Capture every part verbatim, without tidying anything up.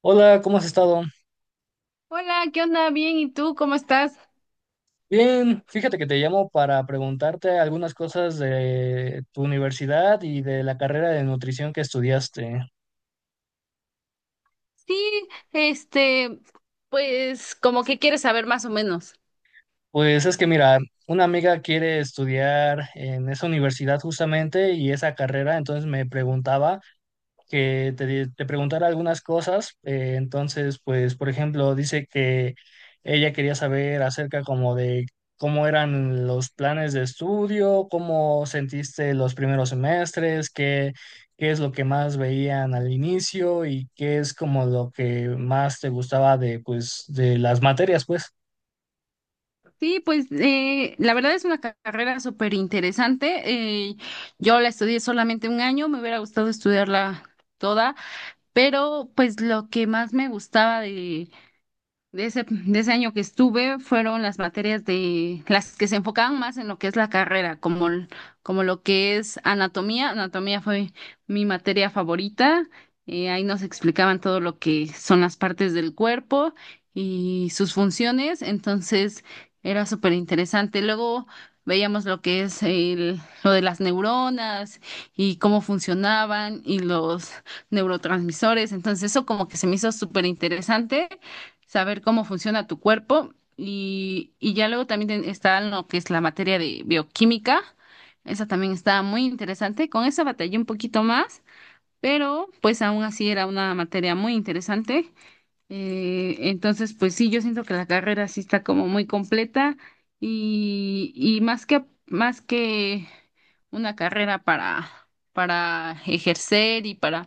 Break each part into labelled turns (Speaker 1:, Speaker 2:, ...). Speaker 1: Hola, ¿cómo has estado?
Speaker 2: Hola, ¿qué onda? Bien, ¿y tú cómo estás?
Speaker 1: Bien, fíjate que te llamo para preguntarte algunas cosas de tu universidad y de la carrera de nutrición que estudiaste.
Speaker 2: Sí, este, pues como que quieres saber más o menos.
Speaker 1: Pues es que mira, una amiga quiere estudiar en esa universidad justamente y esa carrera, entonces me preguntaba. que te, di- te preguntara algunas cosas. Eh, entonces, pues, por ejemplo, dice que ella quería saber acerca como de cómo eran los planes de estudio, cómo sentiste los primeros semestres, qué, qué es lo que más veían al inicio y qué es como lo que más te gustaba de, pues, de las materias, pues.
Speaker 2: Sí, pues eh, la verdad es una ca- carrera súper interesante. eh, yo la estudié solamente un año, me hubiera gustado estudiarla toda, pero pues lo que más me gustaba de de ese, de ese año que estuve fueron las materias de las que se enfocaban más en lo que es la carrera, como, l- como lo que es anatomía. Anatomía fue mi materia favorita. Eh, ahí nos explicaban todo lo que son las partes del cuerpo y sus funciones. Entonces era súper interesante. Luego veíamos lo que es el, lo de las neuronas y cómo funcionaban y los neurotransmisores. Entonces eso como que se me hizo súper interesante saber cómo funciona tu cuerpo y, y ya luego también ten- está lo que es la materia de bioquímica. Esa también está muy interesante. Con esa batallé un poquito más, pero pues aún así era una materia muy interesante. Eh, entonces, pues sí, yo siento que la carrera sí está como muy completa y, y más que, más que una carrera para, para ejercer y para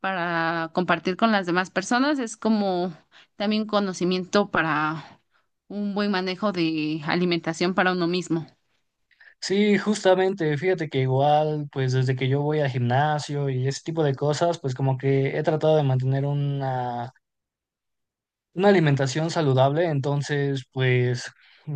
Speaker 2: para compartir con las demás personas, es como también conocimiento para un buen manejo de alimentación para uno mismo.
Speaker 1: Sí, justamente, fíjate que igual, pues desde que yo voy al gimnasio y ese tipo de cosas, pues como que he tratado de mantener una Una alimentación saludable, entonces, pues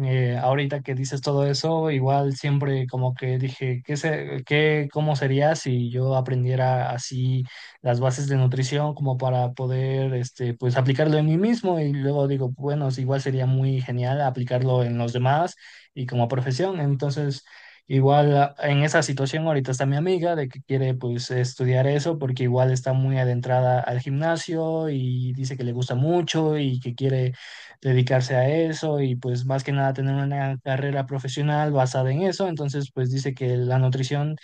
Speaker 1: eh, ahorita que dices todo eso, igual siempre como que dije, ¿qué se, qué, cómo sería si yo aprendiera así las bases de nutrición como para poder, este, pues aplicarlo en mí mismo? Y luego digo, bueno, sí, igual sería muy genial aplicarlo en los demás y como profesión. Entonces, igual a- en esa situación ahorita está mi amiga de que quiere pues estudiar eso porque igual está muy adentrada al gimnasio y dice que le gusta mucho y que quiere dedicarse a eso y pues más que nada tener una carrera profesional basada en eso. Entonces pues dice que la nutrición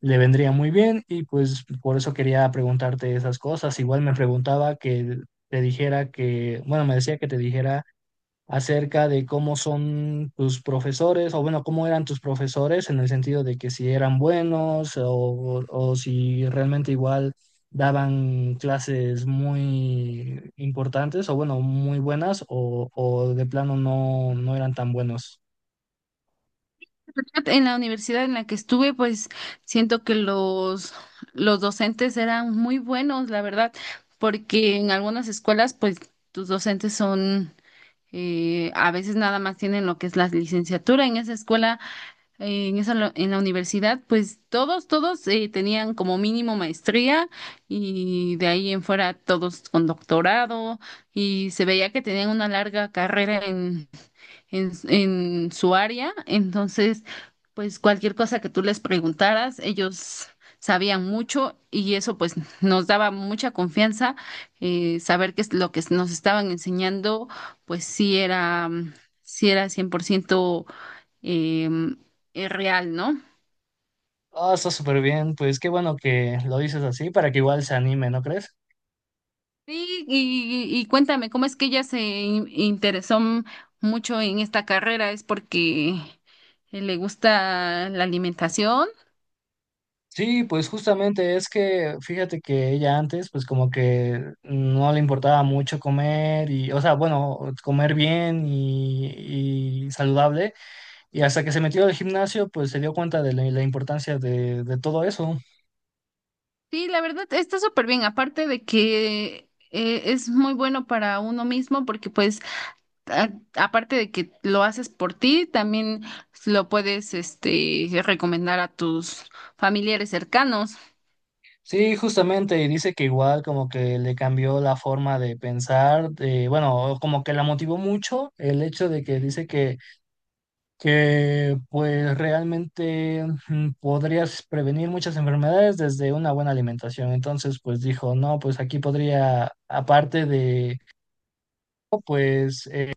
Speaker 1: le vendría muy bien y pues por eso quería preguntarte esas cosas. Igual me preguntaba que te dijera que, bueno, me decía que te dijera acerca de cómo son tus profesores, o bueno, cómo eran tus profesores en el sentido de que si eran buenos o, o si realmente igual daban clases muy importantes o bueno, muy buenas o, o de plano no, no eran tan buenos.
Speaker 2: En la universidad en la que estuve, pues siento que los, los docentes eran muy buenos, la verdad, porque en algunas escuelas, pues tus docentes son, eh, a veces nada más tienen lo que es la licenciatura. En esa escuela eh, en esa, lo- en la universidad, pues todos, todos eh, tenían como mínimo maestría y de ahí en fuera todos con doctorado y se veía que tenían una larga carrera en, en, en su área. Entonces, pues cualquier cosa que tú les preguntaras, ellos sabían mucho y eso pues nos daba mucha confianza, eh, saber que es lo que nos estaban enseñando, pues sí era, mm, sí era cien por ciento em, eh, real, ¿no?
Speaker 1: Ah, está súper bien, pues qué bueno que lo dices así para que igual se anime, ¿no crees?
Speaker 2: Sí, y, y cuéntame, ¿cómo es que ella se in- interesó m- mucho en esta carrera? ¿Es porque eh, le gusta la alimentación?
Speaker 1: Sí, pues justamente es que fíjate que ella antes pues como que no le importaba mucho comer y, o sea, bueno, comer bien y, y saludable y hasta que se metió al gimnasio pues se dio cuenta de la, la importancia de, de todo eso.
Speaker 2: Sí, la verdad está súper bien, aparte de que eh, es muy bueno para uno mismo porque pues a- aparte de que lo haces por ti, también lo puedes este recomendar a tus familiares cercanos.
Speaker 1: Sí, justamente y dice que igual como que le cambió la forma de pensar, de, bueno, como que la motivó mucho el hecho de que dice que que pues realmente mm, podrías prevenir muchas enfermedades desde una buena alimentación. Entonces, pues dijo, no, pues aquí podría, aparte de, pues, eh,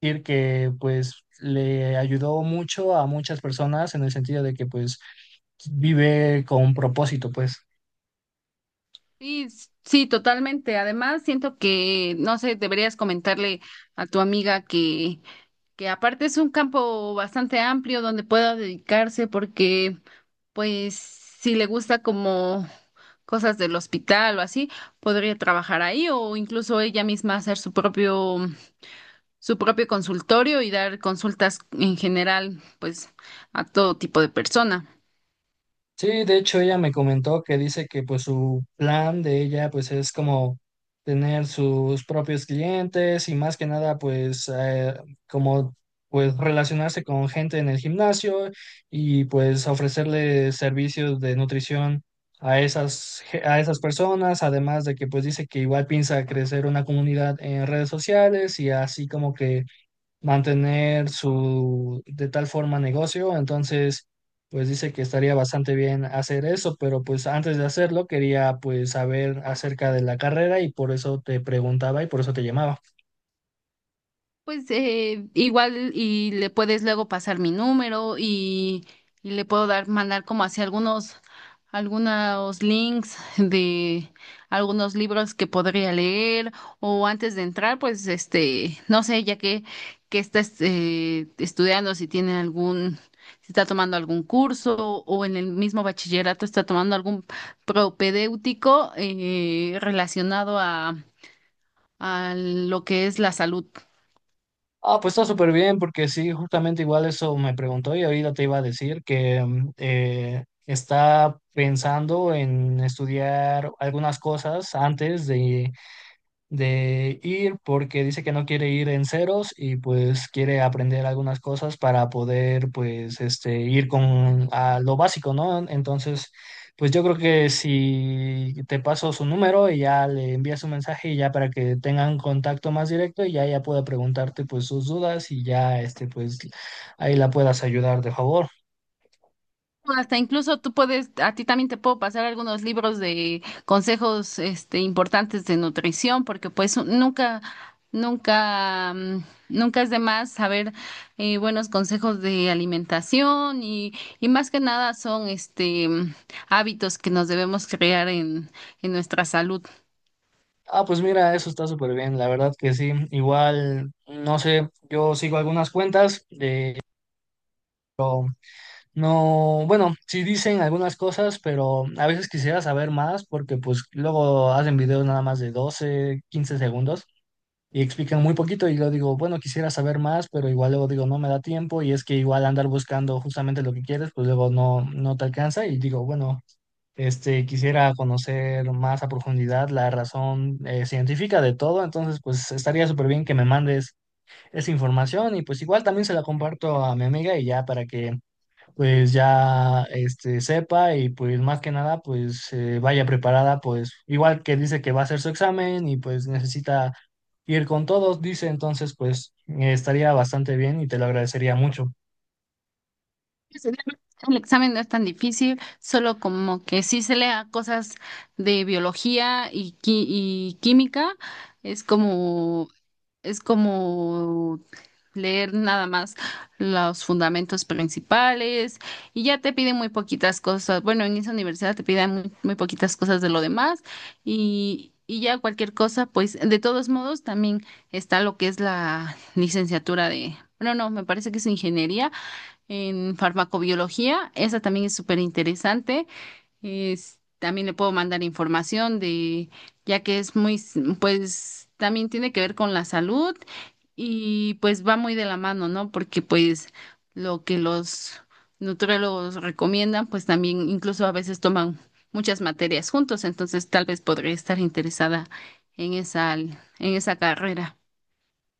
Speaker 1: decir que pues le ayudó mucho a muchas personas en el sentido de que pues vive con propósito, pues.
Speaker 2: Sí, s- sí, totalmente. Además, siento que, no sé, deberías comentarle a tu amiga que, que aparte es un campo bastante amplio donde pueda dedicarse porque, pues, si le gusta como cosas del hospital o así, podría trabajar ahí o incluso ella misma hacer su propio, su propio consultorio y dar consultas en general, pues, a todo tipo de persona.
Speaker 1: Sí, de hecho ella me comentó que dice que pues su plan de ella pues es como tener sus propios clientes y más que nada pues eh, como pues relacionarse con gente en el gimnasio y pues ofrecerle servicios de nutrición a esas ge- a esas personas, además de que pues dice que igual piensa crecer una comunidad en redes sociales y así como que mantener su de tal forma negocio, entonces pues dice que estaría bastante bien hacer eso, pero pues antes de hacerlo quería pues saber acerca de la carrera y por eso te preguntaba y por eso te llamaba.
Speaker 2: Pues eh, igual y le puedes luego pasar mi número y, y le puedo dar, mandar como hacia algunos, algunos links de algunos libros que podría leer o antes de entrar, pues este, no sé, ya que, que está este, estudiando, si tiene algún, si está tomando algún curso o en el mismo bachillerato está tomando algún propedéutico, eh, relacionado a, a lo que es la salud.
Speaker 1: Ah, pues está súper bien porque sí, justamente igual eso me preguntó y ahorita te iba a decir que mm, eh, está pensando en estudiar algunas cosas antes de de ir porque dice que no quiere ir en ceros y pues quiere aprender algunas cosas para poder pues este ir con a lo básico, ¿no? Entonces, pues yo creo que si te paso su número y ya le envías un mensaje y ya para que tengan contacto más directo y ya ella pueda preguntarte pues sus dudas y ya este pues ahí la puedas ayudar de favor.
Speaker 2: No, hasta incluso tú puedes, a ti también te puedo pasar algunos libros de consejos, este, importantes de nutrición, porque pues nunca, nunca, mm, nunca es de más saber, eh, buenos consejos de alimentación y, y más que nada son, este, mm, hábitos que nos debemos crear en, en nuestra salud.
Speaker 1: Ah, pues mira, eso está súper bien, la verdad que sí. Igual, no sé, yo sigo algunas cuentas. No, bueno, sí dicen algunas cosas, pero a veces quisiera saber más porque pues luego hacen videos nada más de doce quince segundos y explican muy poquito y yo digo, bueno, quisiera saber más, pero igual luego digo, no me da tiempo y es que igual andar buscando justamente lo que quieres, pues luego no, no te alcanza y digo, bueno, este, quisiera conocer más a profundidad la razón eh, científica de todo, entonces pues estaría súper bien que me mandes esa información y pues igual también se la comparto a mi amiga y ya para que pues ya este, sepa y pues más que nada pues eh, vaya preparada, pues igual que dice que va a hacer su examen y pues necesita ir con todos, dice, entonces pues eh, estaría bastante bien y te lo agradecería mucho.
Speaker 2: El examen no es tan difícil, solo como que sí se lea cosas de biología y, qui- y química. Es como Es como leer nada más los fundamentos principales y ya te piden muy poquitas cosas. Bueno, en esa universidad te piden muy, muy poquitas cosas de lo demás y, y ya cualquier cosa, pues de todos modos también está lo que es la licenciatura de... Bueno, no, me parece que es ingeniería en farmacobiología. Esa también es súper interesante, es, también le puedo mandar información de, ya que es muy, s- pues también tiene que ver con la salud y pues va muy de la mano, ¿no? Porque pues lo que los nutriólogos recomiendan, pues también incluso a veces toman muchas materias juntos, entonces tal vez podría estar interesada en esa, en esa carrera.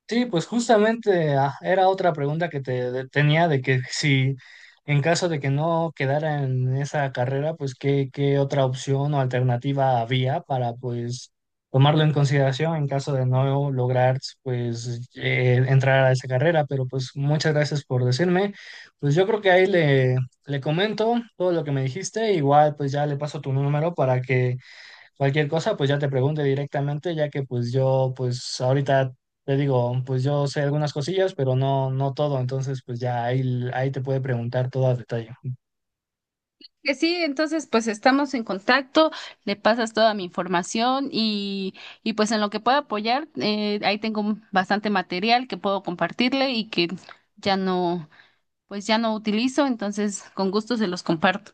Speaker 1: Sí, pues justamente ah, era otra pregunta que te de- tenía de que si en caso de que no quedara en esa carrera, pues qué, qué otra opción o alternativa había para pues tomarlo en consideración en caso de no lograr pues eh, entrar a esa carrera. Pero pues muchas gracias por decirme. Pues yo creo que ahí le, le comento todo lo que me dijiste. Igual pues ya le paso tu número para que cualquier cosa, pues ya te pregunte directamente, ya que pues yo, pues ahorita te digo, pues yo sé algunas cosillas, pero no, no todo, entonces pues ya ahí, ahí te puede preguntar todo a detalle.
Speaker 2: Que sí, entonces pues estamos en contacto, le pasas toda mi información y, y pues en lo que pueda apoyar, eh, ahí tengo bastante material que puedo compartirle y que ya no, pues ya no utilizo, entonces con gusto se los comparto.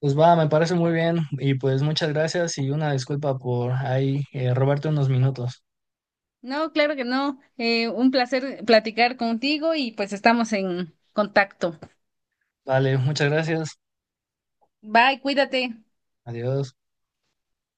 Speaker 1: Pues va, me parece muy bien y pues muchas gracias y una disculpa por ahí eh, robarte unos minutos.
Speaker 2: No, claro que no, eh, un placer platicar contigo y pues estamos en contacto.
Speaker 1: Vale, muchas gracias.
Speaker 2: Bye, cuídate.
Speaker 1: Adiós.